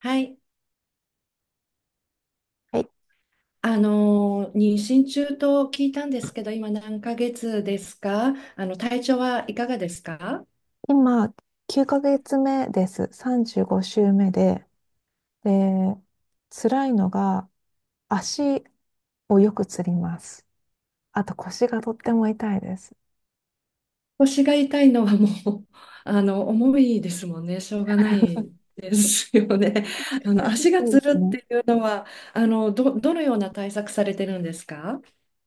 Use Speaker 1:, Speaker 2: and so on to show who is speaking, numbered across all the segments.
Speaker 1: はい。
Speaker 2: はい、
Speaker 1: 妊娠中と聞いたんですけど、今何ヶ月ですか？あの、体調はいかがですか？
Speaker 2: 今、9ヶ月目です。35週目で、辛いのが足をよくつります。あと腰がとっても痛いです。
Speaker 1: 腰が痛いのはう、あの、重いですもんね。しょうがない ですよね。あの、足が
Speaker 2: そうで
Speaker 1: つ
Speaker 2: す
Speaker 1: るっ
Speaker 2: ね。
Speaker 1: ていうのは、あの、どのような対策されてるんですか？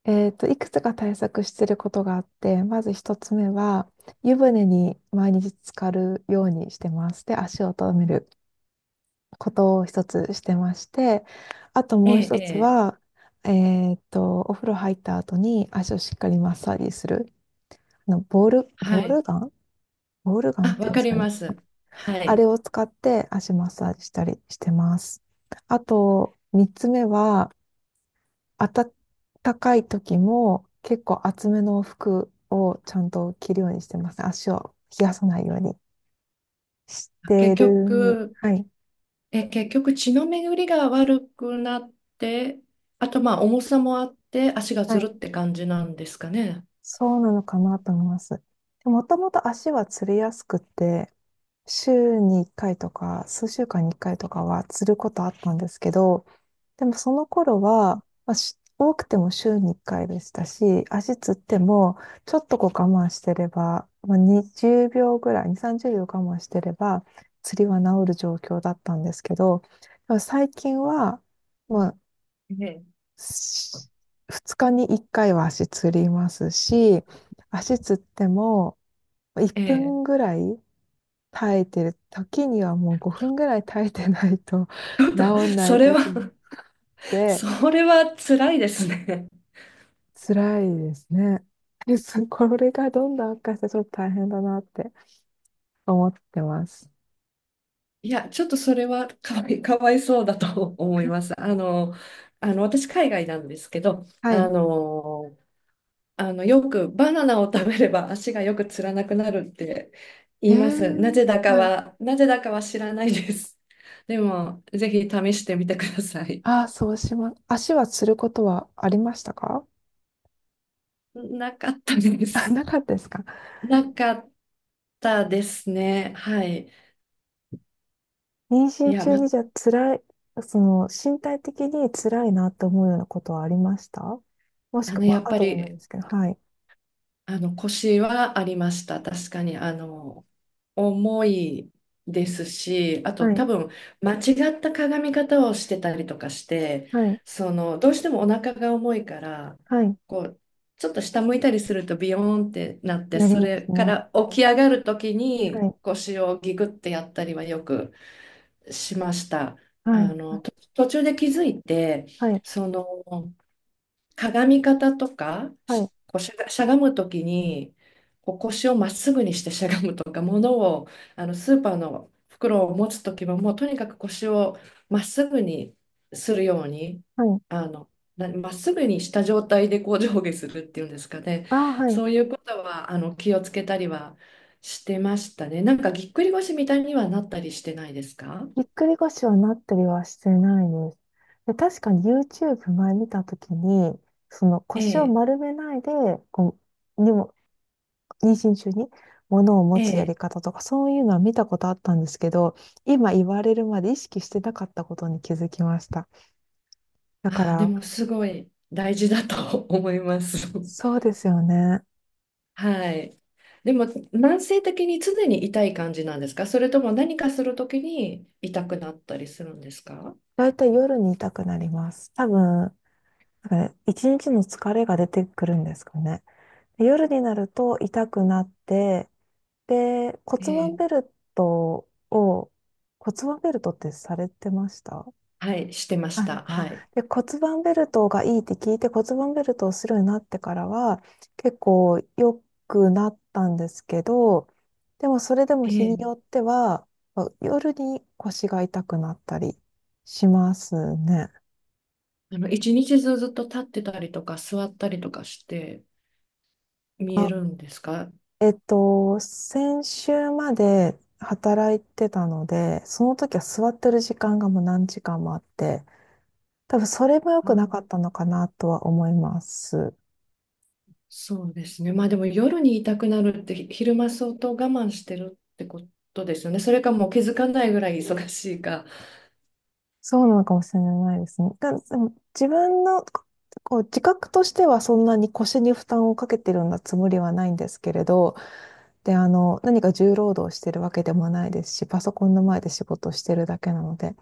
Speaker 2: いくつか対策してることがあって、まず一つ目は、湯船に毎日浸かるようにしてます。で、足を止めることを一つしてまして、あと
Speaker 1: え
Speaker 2: もう
Speaker 1: え、え
Speaker 2: 一つ
Speaker 1: え、
Speaker 2: は、お風呂入った後に足をしっかりマッサージする。
Speaker 1: は
Speaker 2: ボー
Speaker 1: い。
Speaker 2: ルガン、ボールガン
Speaker 1: あ、
Speaker 2: ってい
Speaker 1: わ
Speaker 2: うんで
Speaker 1: か
Speaker 2: す
Speaker 1: り
Speaker 2: かね？
Speaker 1: ます。は
Speaker 2: あれ
Speaker 1: い。
Speaker 2: を使って足マッサージしたりしてます。あと、三つ目は、暖かい時も結構厚めの服をちゃんと着るようにしてます。足を冷やさないようにして
Speaker 1: 結
Speaker 2: る。
Speaker 1: 局、
Speaker 2: はい。
Speaker 1: 結局血の巡りが悪くなって、あとまあ重さもあって足が
Speaker 2: は
Speaker 1: ず
Speaker 2: い。
Speaker 1: るって感じなんですかね。
Speaker 2: そうなのかなと思います。もともと足はつりやすくて、週に1回とか、数週間に1回とかはつることあったんですけど、でもその頃は、まあ、多くても週に1回でしたし、足つっても、ちょっとこう我慢してれば、まあ、20秒ぐらい、2、30秒我慢してれば、釣りは治る状況だったんですけど、でも最近は、まあ、
Speaker 1: ええ。
Speaker 2: し2日に1回は足つりますし、足つっても、1
Speaker 1: ええ。
Speaker 2: 分ぐらい耐えてる時にはもう5分ぐらい耐えてないと
Speaker 1: ちょっ と、
Speaker 2: 治んな
Speaker 1: そ
Speaker 2: い
Speaker 1: れは、
Speaker 2: 時もあって、
Speaker 1: それは辛いですね。
Speaker 2: 辛いですね。これがどんどん悪化してちょっと大変だなって思ってます。
Speaker 1: いや、ちょっとそれはかわいそうだと思います。あの、あの、私、海外なんですけど、
Speaker 2: は
Speaker 1: あ
Speaker 2: い。
Speaker 1: の、あの、よくバナナを食べれば足がよくつらなくなるって言います。
Speaker 2: はい。
Speaker 1: なぜだかは知らないです。でも、ぜひ試してみてください。
Speaker 2: ああ、そうします。足はつることはありましたか？
Speaker 1: なかったで
Speaker 2: あ、
Speaker 1: す。
Speaker 2: なかったですか？
Speaker 1: なかったですね。はい。
Speaker 2: 妊
Speaker 1: い
Speaker 2: 娠
Speaker 1: や、
Speaker 2: 中
Speaker 1: ま、
Speaker 2: にじゃあ辛い、その、身体的に辛いなって思うようなことはありましたもし
Speaker 1: あの、
Speaker 2: く
Speaker 1: や
Speaker 2: は
Speaker 1: っぱ
Speaker 2: 後でもいい
Speaker 1: り
Speaker 2: ですけど、はい。
Speaker 1: あの、腰はありました。確かに、あの、重いですし、あと
Speaker 2: はい。
Speaker 1: 多分、間違った鏡み方をしてたりとかして、
Speaker 2: はい。
Speaker 1: その、どうしてもお腹が重いから、
Speaker 2: はい。
Speaker 1: こう、ちょっと下向いたりするとビヨーンってなって、
Speaker 2: なり
Speaker 1: そ
Speaker 2: ま
Speaker 1: れ
Speaker 2: すね。
Speaker 1: から
Speaker 2: は
Speaker 1: 起
Speaker 2: い。
Speaker 1: き上がるとき
Speaker 2: は
Speaker 1: に
Speaker 2: い。
Speaker 1: 腰をギグってやったりはよくしました。あ
Speaker 2: はい。
Speaker 1: の、と途中で気づいて、
Speaker 2: はい。
Speaker 1: その、鏡み方とか、
Speaker 2: はい。は
Speaker 1: し
Speaker 2: い。
Speaker 1: こうしゃが、しゃがむときに、こう腰をまっすぐにしてしゃがむとか、物を、あのスーパーの袋を持つときは、もうとにかく腰をまっすぐにするように、
Speaker 2: はい。
Speaker 1: あの、なまっすぐにした状態でこう上下するっていうんですかね。
Speaker 2: ああ、はい。
Speaker 1: そういうことは、あの、気をつけたりはしてましたね。なんかぎっくり腰みたいにはなったりしてないですか？
Speaker 2: ぎっくり腰はなったりはしてないです。で、確かに YouTube 前見たときに、その
Speaker 1: え
Speaker 2: 腰を
Speaker 1: え、
Speaker 2: 丸めないで、こう、にも、妊娠中に物を持
Speaker 1: え
Speaker 2: つやり
Speaker 1: え。
Speaker 2: 方とか、そういうのは見たことあったんですけど、今言われるまで意識してなかったことに気づきました。だか
Speaker 1: ああ、で
Speaker 2: ら、
Speaker 1: もすごい大事だと思います。
Speaker 2: そうですよね。
Speaker 1: はい。でも、慢性的に常に痛い感じなんですか？それとも何かするときに痛くなったりするんですか？
Speaker 2: だいたい夜に痛くなります。多分、なんかね、一日の疲れが出てくるんですかね。で夜になると痛くなって、で、骨
Speaker 1: え
Speaker 2: 盤
Speaker 1: え、
Speaker 2: ベルトを、骨盤ベルトってされてました？
Speaker 1: はい、してまし
Speaker 2: あれ
Speaker 1: た。
Speaker 2: だ。
Speaker 1: はい。
Speaker 2: で、骨盤ベルトがいいって聞いて骨盤ベルトをするようになってからは結構良くなったんですけど、でもそれでも
Speaker 1: え
Speaker 2: 日によ
Speaker 1: え、
Speaker 2: ってはまあ夜に腰が痛くなったりしますね。
Speaker 1: あの、一日中ずっと立ってたりとか、座ったりとかして見え
Speaker 2: あ、
Speaker 1: るんですか？
Speaker 2: 先週まで働いてたので、その時は座ってる時間がもう何時間もあって、多分それも良くなか
Speaker 1: あ、
Speaker 2: ったのかなとは思います。
Speaker 1: そうですね。まあでも夜に痛くなるってひ昼間相当我慢してるってことですよね。それかもう気づかないぐらい忙しいか。
Speaker 2: そうなのかもしれないですね。でも自分のこう自覚としてはそんなに腰に負担をかけてるようなつもりはないんですけれど、で、何か重労働してるわけでもないですし、パソコンの前で仕事をしてるだけなので。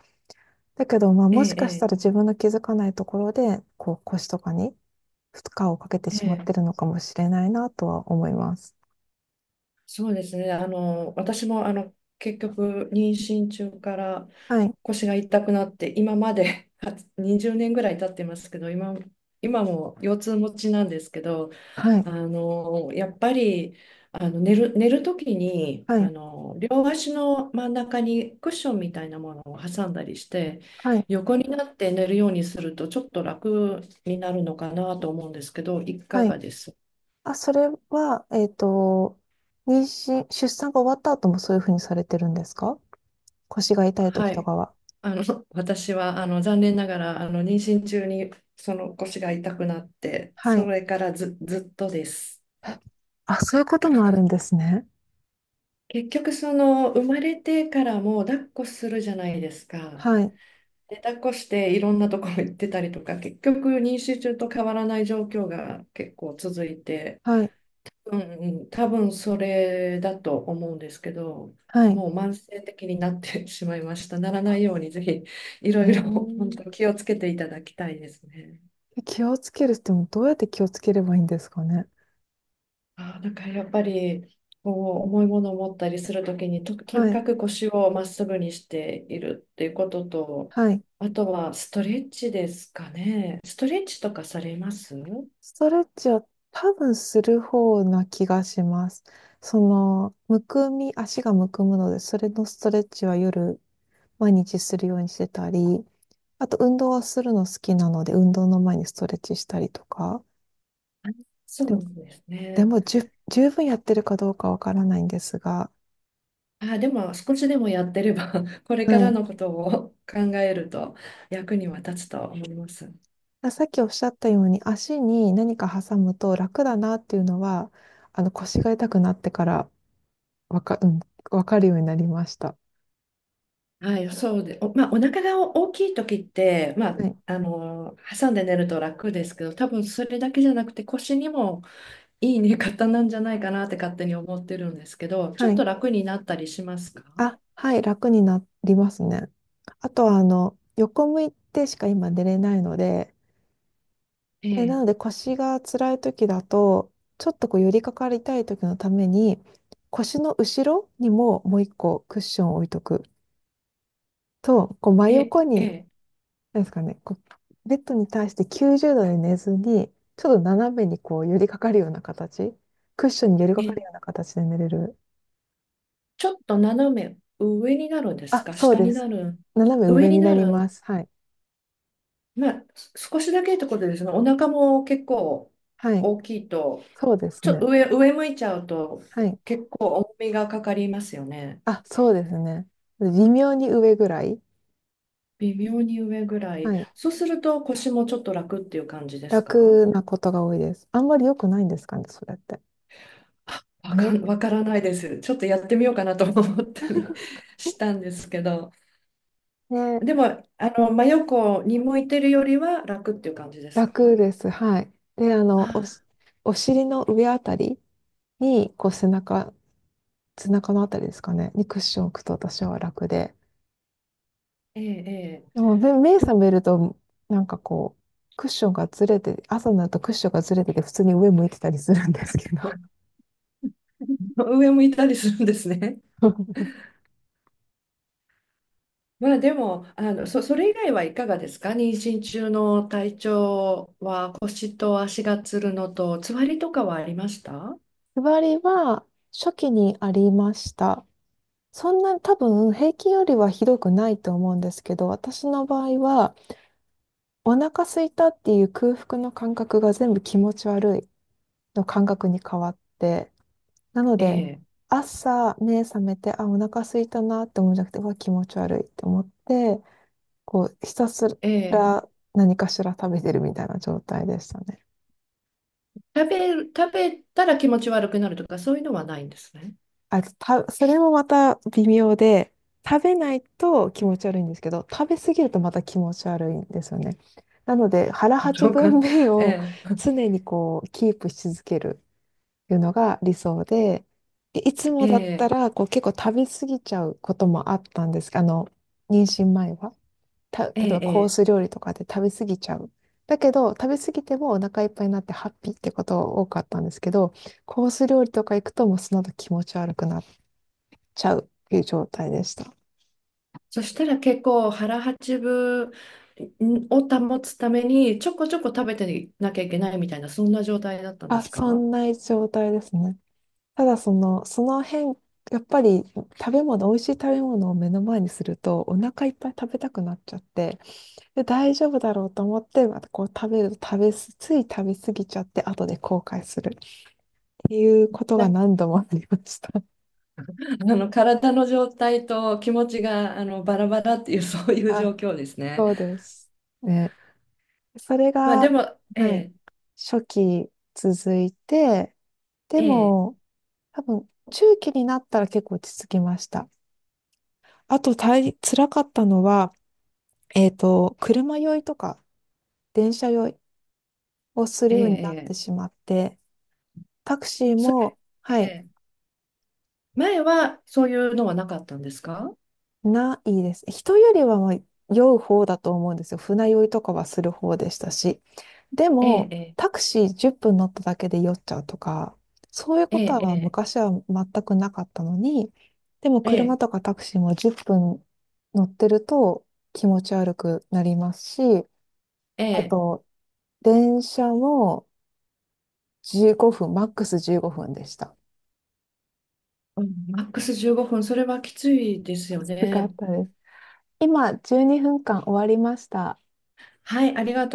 Speaker 2: だけど、まあ
Speaker 1: え
Speaker 2: もしかした
Speaker 1: え、
Speaker 2: ら自分の気づかないところで、こう腰とかに負荷をかけて
Speaker 1: え
Speaker 2: しまって
Speaker 1: え、え
Speaker 2: る
Speaker 1: え、
Speaker 2: のかもしれないなとは思います。
Speaker 1: そうですね。あの、私もあの結局、妊娠中から
Speaker 2: はい。
Speaker 1: 腰が痛くなって、今まで 20年ぐらい経ってますけど、今、今も腰痛持ちなんですけど、
Speaker 2: はい。
Speaker 1: あのやっぱりあの寝る時に
Speaker 2: は
Speaker 1: あ
Speaker 2: い。
Speaker 1: の両足の真ん中にクッションみたいなものを挟んだりして、
Speaker 2: はい。
Speaker 1: 横になって寝るようにすると、ちょっと楽になるのかなと思うんですけど、いか
Speaker 2: はい。
Speaker 1: がです？
Speaker 2: あ、それは、妊娠、出産が終わった後もそういうふうにされてるんですか？腰が痛い時
Speaker 1: は
Speaker 2: と
Speaker 1: い。
Speaker 2: かは。
Speaker 1: あの、私は、あの、残念ながら、あの、妊娠中に、その腰が痛くなって、
Speaker 2: は
Speaker 1: そ
Speaker 2: い。
Speaker 1: れからず、ずっとです。
Speaker 2: え、あ、そういうこともあるんですね。
Speaker 1: 結局、その、生まれてからも、抱っこするじゃないですか。
Speaker 2: はい。
Speaker 1: で、抱っこして、いろんなところ行ってたりとか、結局、妊娠中と変わらない状況が結構続いて、
Speaker 2: はい。
Speaker 1: うんうん、多分それだと思うんですけど、
Speaker 2: はい。
Speaker 1: もう慢性的になってしまいました。ならな
Speaker 2: あ。
Speaker 1: いように、ぜひ、い
Speaker 2: へえ
Speaker 1: ろいろ、本
Speaker 2: ー。
Speaker 1: 当気をつけていただきたいですね。
Speaker 2: 気をつけるってもどうやって気をつければいいんですかね？
Speaker 1: あー、なんかやっぱりこう重いものを持ったりするときにと
Speaker 2: は
Speaker 1: にか
Speaker 2: い。
Speaker 1: く腰をまっすぐにしているっていうことと、
Speaker 2: はい。
Speaker 1: あとはストレッチですかね。ストレッチとかされます？
Speaker 2: ストレッチは多分する方な気がします。その、むくみ、足がむくむので、それのストレッチは夜、毎日するようにしてたり、あと、運動はするの好きなので、運動の前にストレッチしたりとか。で
Speaker 1: そう
Speaker 2: も、
Speaker 1: です
Speaker 2: で
Speaker 1: ね。
Speaker 2: も十分やってるかどうかわからないんですが、
Speaker 1: あでも少しでもやってれば これか
Speaker 2: は
Speaker 1: ら
Speaker 2: い。
Speaker 1: のことを考えると役には立つと思います。
Speaker 2: あ、さっきおっしゃったように、足に何か挟むと楽だなっていうのは、腰が痛くなってからわか、うん、わかるようになりました。
Speaker 1: はい、そうで、お、まあ、お腹が大きい時って、まあ、
Speaker 2: はい。
Speaker 1: あの挟んで寝ると楽ですけど、多分それだけじゃなくて腰にもいい寝方なんじゃないかなって勝手に思ってるんですけど、ちょ
Speaker 2: は
Speaker 1: っ
Speaker 2: い。
Speaker 1: と楽になったりしますか？
Speaker 2: あ、はい、楽になりますね。あとは、横向いてしか今寝れないので、
Speaker 1: え
Speaker 2: で、な
Speaker 1: え、
Speaker 2: ので腰が辛い時だと、ちょっとこう寄りかかりたい時のために、腰の後ろにももう一個クッションを置いとくと、こう真
Speaker 1: ええ、
Speaker 2: 横
Speaker 1: え
Speaker 2: に、
Speaker 1: え、
Speaker 2: なんですかね、こうベッドに対して90度で寝ずに、ちょっと斜めにこう寄りかかるような形、クッションに寄りかかるような形で寝れる。
Speaker 1: ちょっと斜め上になるんです
Speaker 2: あ、
Speaker 1: か？
Speaker 2: そう
Speaker 1: 下
Speaker 2: で
Speaker 1: に
Speaker 2: す。
Speaker 1: なるんです？
Speaker 2: 斜め
Speaker 1: 上
Speaker 2: 上
Speaker 1: に
Speaker 2: にな
Speaker 1: な
Speaker 2: り
Speaker 1: る
Speaker 2: ま
Speaker 1: ん、
Speaker 2: す。はい。
Speaker 1: まあ、す少しだけってことですね。お腹も結構
Speaker 2: はい。
Speaker 1: 大きいと、
Speaker 2: そうです
Speaker 1: ちょっと
Speaker 2: ね。
Speaker 1: 上、上向いちゃうと
Speaker 2: はい。
Speaker 1: 結構重みがかかりますよね。
Speaker 2: あ、そうですね。微妙に上ぐらい。
Speaker 1: 微妙に上ぐらい。
Speaker 2: はい。
Speaker 1: そうすると腰もちょっと楽っていう感じですか？
Speaker 2: 楽なことが多いです。あんまり良くないんですかね、それって。まあ、よ、
Speaker 1: わからないです。ちょっとやってみようかなと思ったり したんですけど、
Speaker 2: ね、
Speaker 1: でも、あの、真横に向いてるよりは楽っていう感じですか？
Speaker 2: 楽です。はい。で、
Speaker 1: あ、
Speaker 2: お尻の上あたりに、こう背中のあたりですかね、にクッションを置くと私は楽で。
Speaker 1: ええ、え
Speaker 2: でも、目
Speaker 1: え。で
Speaker 2: 覚めると、なんかこう、クッションがずれて、朝になるとクッションがずれてて、普通に上向いてたりするんですけど。
Speaker 1: も、上向いたりするんですね。まあでも、あの、それ以外はいかがですか？妊娠中の体調は腰と足がつるのと、つわりとかはありました？
Speaker 2: 座りは初期にありました。そんな多分平均よりはひどくないと思うんですけど、私の場合はお腹空いたっていう空腹の感覚が全部気持ち悪いの感覚に変わって、なの
Speaker 1: え
Speaker 2: で、
Speaker 1: え、
Speaker 2: 朝目覚めて、あ、お腹空いたなって思うんじゃなくて、うわ、気持ち悪いって思って、こう、ひたす
Speaker 1: ええ。
Speaker 2: ら何かしら食べてるみたいな状態でしたね。
Speaker 1: 食べる、食べたら気持ち悪くなるとか、そういうのはないんですね。
Speaker 2: あ、それもまた微妙で、食べないと気持ち悪いんですけど、食べ過ぎるとまた気持ち悪いんですよね。なので、腹八
Speaker 1: そうか。
Speaker 2: 分目 を
Speaker 1: ええ、
Speaker 2: 常にこう、キープし続ける。いうのが理想で、でいつ
Speaker 1: え
Speaker 2: もだった
Speaker 1: え、
Speaker 2: らこう結構食べ過ぎちゃうこともあったんです。妊娠前は。例
Speaker 1: え
Speaker 2: え
Speaker 1: え、
Speaker 2: ばコー
Speaker 1: ええ、
Speaker 2: ス料理とかで食べ過ぎちゃう。だけど、食べ過ぎてもお腹いっぱいになってハッピーってことが多かったんですけど、コース料理とか行くともうその後気持ち悪くなっちゃうっていう状態でした。
Speaker 1: そしたら結構腹八分を保つためにちょこちょこ食べてなきゃいけないみたいな、そんな状態だったんで
Speaker 2: あ、
Speaker 1: す
Speaker 2: そ
Speaker 1: か？
Speaker 2: んな状態ですね。ただその、その辺やっぱり食べ物、美味しい食べ物を目の前にするとお腹いっぱい食べたくなっちゃって、で、大丈夫だろうと思って、またこう食べると食べす、つい食べ過ぎちゃって、後で後悔するっていうことが 何度もありました。
Speaker 1: なあの体の状態と気持ちがあのバラバラっていうそうい う状
Speaker 2: あ、
Speaker 1: 況ですね。
Speaker 2: そうです。ね。それ
Speaker 1: まあで
Speaker 2: が、
Speaker 1: も、え
Speaker 2: はい、
Speaker 1: え、
Speaker 2: 初期続いて、で
Speaker 1: ええ、
Speaker 2: も、多分、中期になったら結構落ち着きました。あと、辛かったのは、車酔いとか、電車酔いをす
Speaker 1: え
Speaker 2: る
Speaker 1: え、
Speaker 2: ようになって
Speaker 1: ええ。
Speaker 2: しまって、タクシー
Speaker 1: それ、
Speaker 2: も、
Speaker 1: え
Speaker 2: はい、
Speaker 1: え。前はそういうのはなかったんですか？
Speaker 2: ないです。人よりはまあ酔う方だと思うんですよ。船酔いとかはする方でしたし。で
Speaker 1: ええ、
Speaker 2: も、
Speaker 1: え
Speaker 2: タクシー10分乗っただけで酔っちゃうとか、そういう
Speaker 1: え、
Speaker 2: こと
Speaker 1: え
Speaker 2: は
Speaker 1: え、
Speaker 2: 昔は全くなかったのに、でも
Speaker 1: え
Speaker 2: 車
Speaker 1: え、
Speaker 2: とかタクシーも10分乗ってると気持ち悪くなりますし、
Speaker 1: え
Speaker 2: あ
Speaker 1: え。
Speaker 2: と、電車も15分、マックス15分でした。
Speaker 1: うん、マックス15分、それはきついです
Speaker 2: き
Speaker 1: よ
Speaker 2: つかっ
Speaker 1: ね。
Speaker 2: たです。今、12分間終わりました。
Speaker 1: はい、ありがとう。